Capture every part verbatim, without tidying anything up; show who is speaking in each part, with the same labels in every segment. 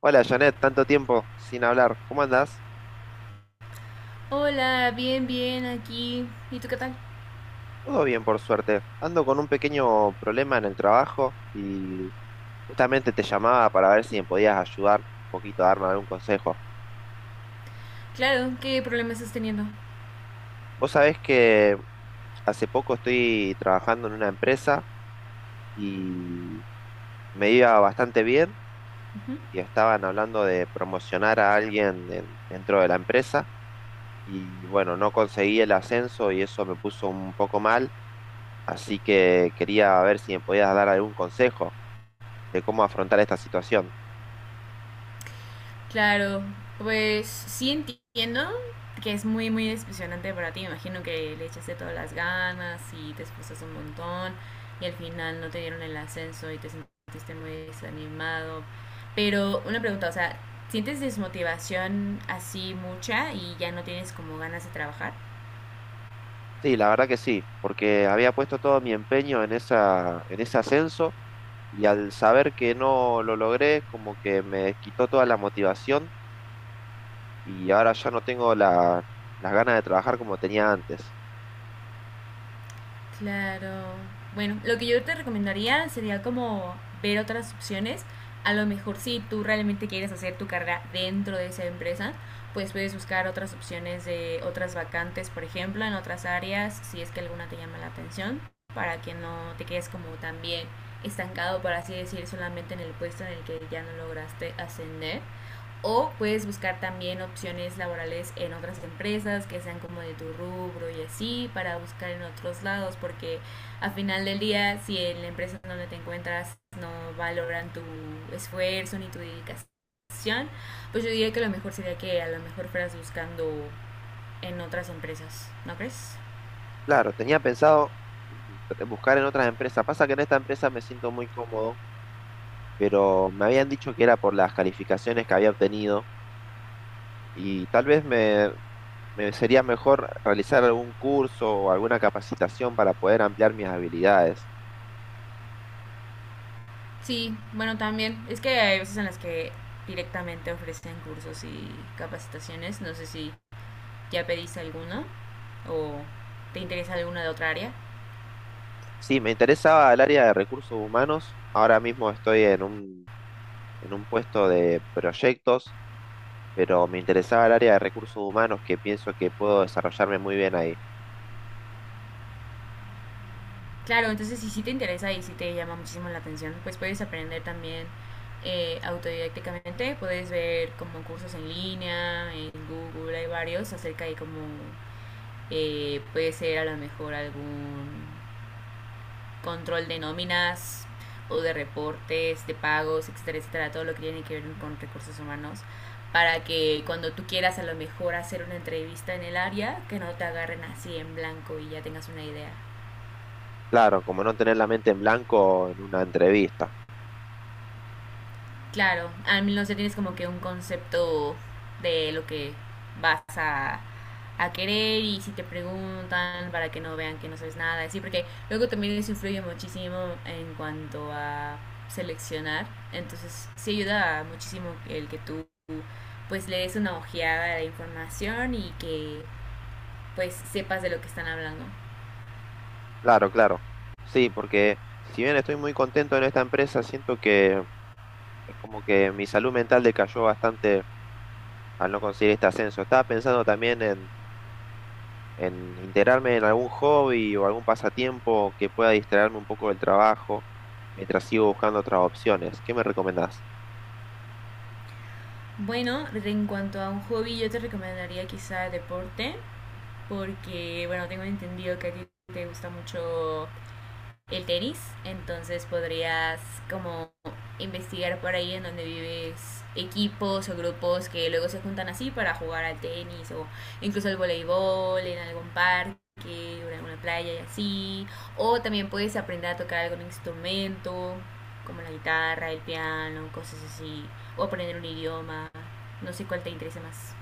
Speaker 1: Hola Janet, tanto tiempo sin hablar. ¿Cómo andás?
Speaker 2: Hola, bien, bien, aquí. ¿Y tú qué tal?
Speaker 1: Todo bien, por suerte. Ando con un pequeño problema en el trabajo y justamente te llamaba para ver si me podías ayudar un poquito, darme algún consejo.
Speaker 2: Claro, ¿qué problema estás teniendo?
Speaker 1: Vos sabés que hace poco estoy trabajando en una empresa y me iba bastante bien
Speaker 2: Ujú.
Speaker 1: y estaban hablando de promocionar a alguien en- dentro de la empresa y bueno, no conseguí el ascenso y eso me puso un poco mal. Así que quería ver si me podías dar algún consejo de cómo afrontar esta situación.
Speaker 2: Claro, pues sí entiendo que es muy, muy decepcionante para ti. Me imagino que le echaste todas las ganas y te esforzaste un montón y al final no te dieron el ascenso y te sentiste muy desanimado. Pero una pregunta, o sea, ¿sientes desmotivación así mucha y ya no tienes como ganas de trabajar?
Speaker 1: Sí, la verdad que sí, porque había puesto todo mi empeño en esa, en ese ascenso y al saber que no lo logré, como que me quitó toda la motivación y ahora ya no tengo la- las ganas de trabajar como tenía antes.
Speaker 2: Claro. Bueno, lo que yo te recomendaría sería como ver otras opciones. A lo mejor si tú realmente quieres hacer tu carrera dentro de esa empresa, pues puedes buscar otras opciones de otras vacantes, por ejemplo, en otras áreas, si es que alguna te llama la atención, para que no te quedes como también estancado, por así decir, solamente en el puesto en el que ya no lograste ascender. O puedes buscar también opciones laborales en otras empresas que sean como de tu rubro y así para buscar en otros lados porque a final del día si en la empresa donde te encuentras no valoran tu esfuerzo ni tu dedicación, pues yo diría que lo mejor sería que a lo mejor fueras buscando en otras empresas, ¿no crees?
Speaker 1: Claro, tenía pensado mm, buscar en otras empresas. Pasa que en esta empresa me siento muy cómodo, pero me habían dicho que era por las calificaciones que había obtenido y tal vez me, me sería mejor realizar algún curso o alguna capacitación para poder ampliar mis habilidades.
Speaker 2: Sí, bueno también es que hay veces en las que directamente ofrecen cursos y capacitaciones, no sé si ¿ya pediste alguna? ¿O te interesa alguna de otra área?
Speaker 1: Sí, me interesaba el área de recursos humanos. Ahora mismo estoy en un, en un puesto de proyectos, pero me interesaba el área de recursos humanos que pienso que puedo desarrollarme muy bien ahí.
Speaker 2: Claro, entonces si sí te interesa y sí te llama muchísimo la atención, pues puedes aprender también eh, autodidácticamente, puedes ver como cursos en línea, en Google hay varios acerca de cómo eh, puede ser a lo mejor algún control de nóminas o de reportes, de pagos, etcétera, etcétera, todo lo que tiene que ver con recursos humanos, para que cuando tú quieras a lo mejor hacer una entrevista en el área, que no te agarren así en blanco y ya tengas una idea.
Speaker 1: Claro, como no tener la mente en blanco en una entrevista.
Speaker 2: Claro, al menos ya tienes como que un concepto de lo que vas a, a querer y si te preguntan para que no vean que no sabes nada, así, porque luego también eso influye muchísimo en cuanto a seleccionar, entonces sí ayuda muchísimo el que tú pues le des una ojeada a la información y que pues sepas de lo que están hablando.
Speaker 1: Claro, claro. Sí, porque si bien estoy muy contento en esta empresa, siento que es como que mi salud mental decayó bastante al no conseguir este ascenso. Estaba pensando también en, en integrarme en algún hobby o algún pasatiempo que pueda distraerme un poco del trabajo mientras sigo buscando otras opciones. ¿Qué me recomendás?
Speaker 2: Bueno, en cuanto a un hobby, yo te recomendaría quizá deporte, porque bueno, tengo entendido que a ti te gusta mucho el tenis, entonces podrías como investigar por ahí en donde vives equipos o grupos que luego se juntan así para jugar al tenis o incluso al voleibol en algún parque o en alguna playa y así. O también puedes aprender a tocar algún instrumento como la guitarra, el piano, cosas así. O aprender un idioma, no sé cuál te interese más.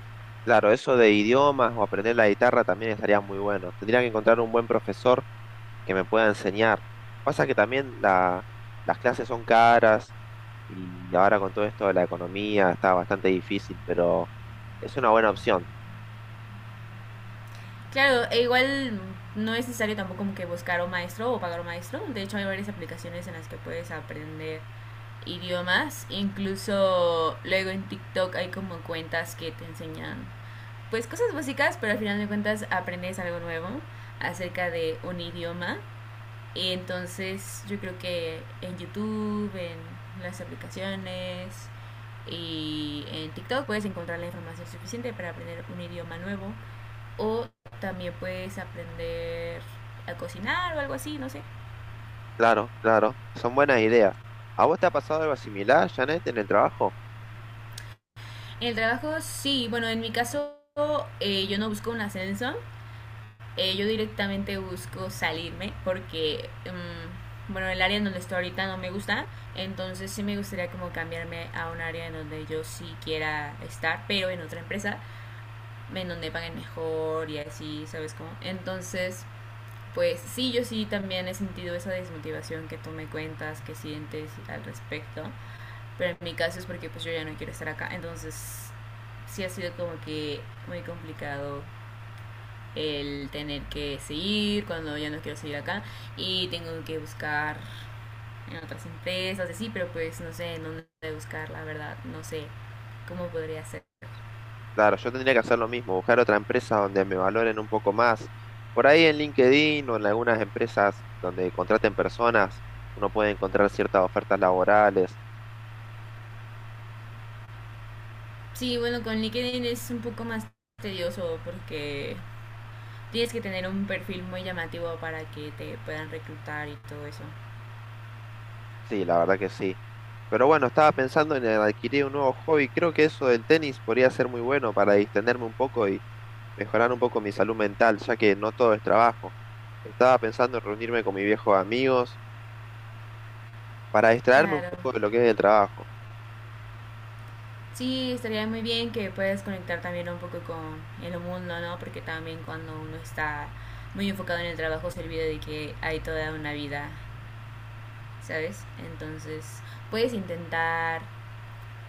Speaker 1: Claro, eso de idiomas o aprender la guitarra también estaría muy bueno. Tendría que encontrar un buen profesor que me pueda enseñar. Pasa que también la- las clases son caras y ahora con todo esto de la economía está bastante difícil, pero es una buena opción.
Speaker 2: Claro, e igual no es necesario tampoco como que buscar un maestro o pagar un maestro. De hecho hay varias aplicaciones en las que puedes aprender idiomas. Incluso luego en TikTok hay como cuentas que te enseñan pues cosas básicas, pero al final de cuentas aprendes algo nuevo acerca de un idioma. Y entonces yo creo que en YouTube, en las aplicaciones y en TikTok puedes encontrar la información suficiente para aprender un idioma nuevo o también puedes aprender a cocinar o algo así, no sé.
Speaker 1: Claro, claro, son buenas ideas. ¿A vos te ha pasado algo similar, Janet, en el trabajo?
Speaker 2: En el trabajo sí, bueno, en mi caso eh, yo no busco un ascenso, eh, yo directamente busco salirme porque, mm, bueno, el área en donde estoy ahorita no me gusta, entonces sí me gustaría como cambiarme a un área en donde yo sí quiera estar, pero en otra empresa, en donde paguen mejor y así, ¿sabes cómo? Entonces, pues sí, yo sí también he sentido esa desmotivación que tú me cuentas, que sientes al respecto, pero en mi caso es porque pues yo ya no quiero estar acá, entonces sí ha sido como que muy complicado el tener que seguir cuando ya no quiero seguir acá y tengo que buscar en otras empresas, así, pero pues no sé en dónde buscar, la verdad, no sé cómo podría ser.
Speaker 1: Claro, yo tendría que hacer lo mismo, buscar otra empresa donde me valoren un poco más. Por ahí en LinkedIn o en algunas empresas donde contraten personas, uno puede encontrar ciertas ofertas laborales.
Speaker 2: Sí, bueno, con LinkedIn es un poco más tedioso porque tienes que tener un perfil muy llamativo para que te puedan reclutar y todo eso.
Speaker 1: Sí, la verdad que sí. Pero bueno, estaba pensando en adquirir un nuevo hobby. Creo que eso del tenis podría ser muy bueno para distenderme un poco y mejorar un poco mi salud mental, ya que no todo es trabajo. Estaba pensando en reunirme con mis viejos amigos para distraerme un
Speaker 2: Claro.
Speaker 1: poco de lo que es el trabajo.
Speaker 2: Sí, estaría muy bien que puedas conectar también un poco con el mundo, ¿no? Porque también cuando uno está muy enfocado en el trabajo se olvida de que hay toda una vida, ¿sabes? Entonces, puedes intentar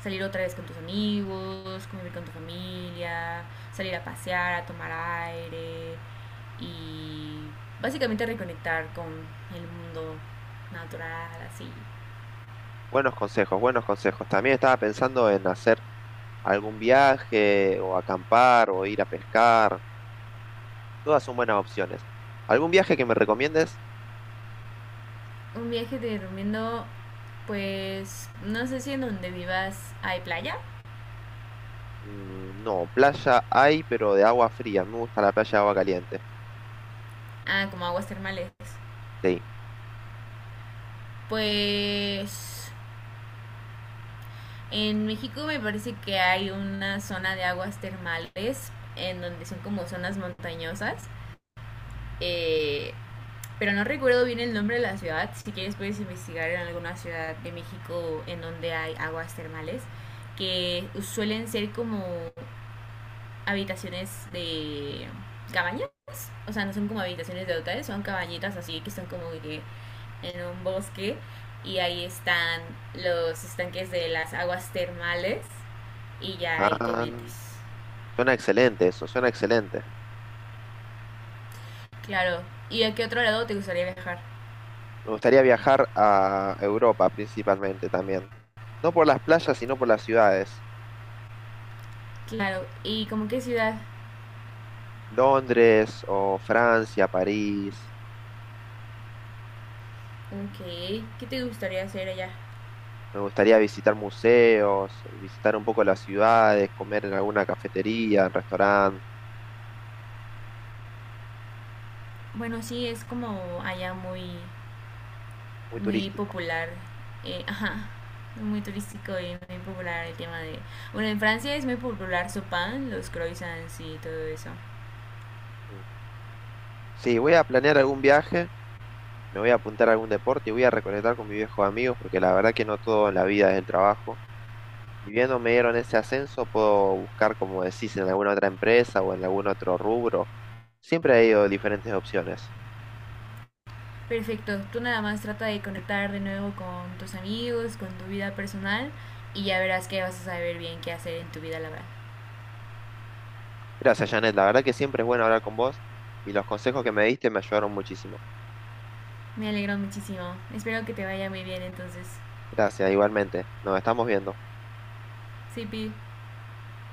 Speaker 2: salir otra vez con tus amigos, convivir con tu familia, salir a pasear, a tomar aire y básicamente reconectar con el mundo natural, así.
Speaker 1: Buenos consejos, buenos consejos. También estaba pensando en hacer algún viaje o acampar o ir a pescar. Todas son buenas opciones. ¿Algún viaje que me recomiendes?
Speaker 2: Un viaje te recomiendo, pues, no sé si en donde vivas hay playa,
Speaker 1: Mm, No, playa hay, pero de agua fría. Me gusta la playa de agua caliente.
Speaker 2: ah, como aguas termales.
Speaker 1: Sí.
Speaker 2: Pues en México me parece que hay una zona de aguas termales en donde son como zonas montañosas. eh, pero no recuerdo bien el nombre de la ciudad. Si quieres puedes investigar en alguna ciudad de México en donde hay aguas termales que suelen ser como habitaciones de cabañas. O sea, no son como habitaciones de hoteles, son cabañitas así que están como que en un bosque. Y ahí están los estanques de las aguas termales. Y ya ahí te
Speaker 1: Ah,
Speaker 2: metes.
Speaker 1: suena excelente eso, suena excelente.
Speaker 2: Claro. ¿Y a qué otro lado te gustaría viajar?
Speaker 1: Me gustaría viajar a Europa principalmente también. No por las playas, sino por las ciudades.
Speaker 2: Claro. ¿Y como qué ciudad?
Speaker 1: Londres o Francia, París.
Speaker 2: Ok. ¿Qué te gustaría hacer allá?
Speaker 1: Me gustaría visitar museos, visitar un poco las ciudades, comer en alguna cafetería, en restaurante,
Speaker 2: Bueno, sí, es como allá muy
Speaker 1: muy
Speaker 2: muy
Speaker 1: turístico.
Speaker 2: popular, eh, ajá, muy turístico y muy popular el tema de... Bueno, en Francia es muy popular su pan, los croissants y todo eso.
Speaker 1: Mm. Sí, voy a planear algún viaje, me voy a apuntar a algún deporte y voy a reconectar con mis viejos amigos, porque la verdad que no todo en la vida es el trabajo. Y viendo me dieron ese ascenso, puedo buscar, como decís, en alguna otra empresa o en algún otro rubro. Siempre he ido diferentes opciones.
Speaker 2: Perfecto, tú nada más trata de conectar de nuevo con tus amigos, con tu vida personal y ya verás que vas a saber bien qué hacer en tu vida laboral.
Speaker 1: Gracias, Janet. La verdad que siempre es bueno hablar con vos y los consejos que me diste me ayudaron muchísimo.
Speaker 2: Me alegro muchísimo, espero que te vaya muy bien entonces.
Speaker 1: Gracias, igualmente. Nos estamos viendo.
Speaker 2: Sí, Pi.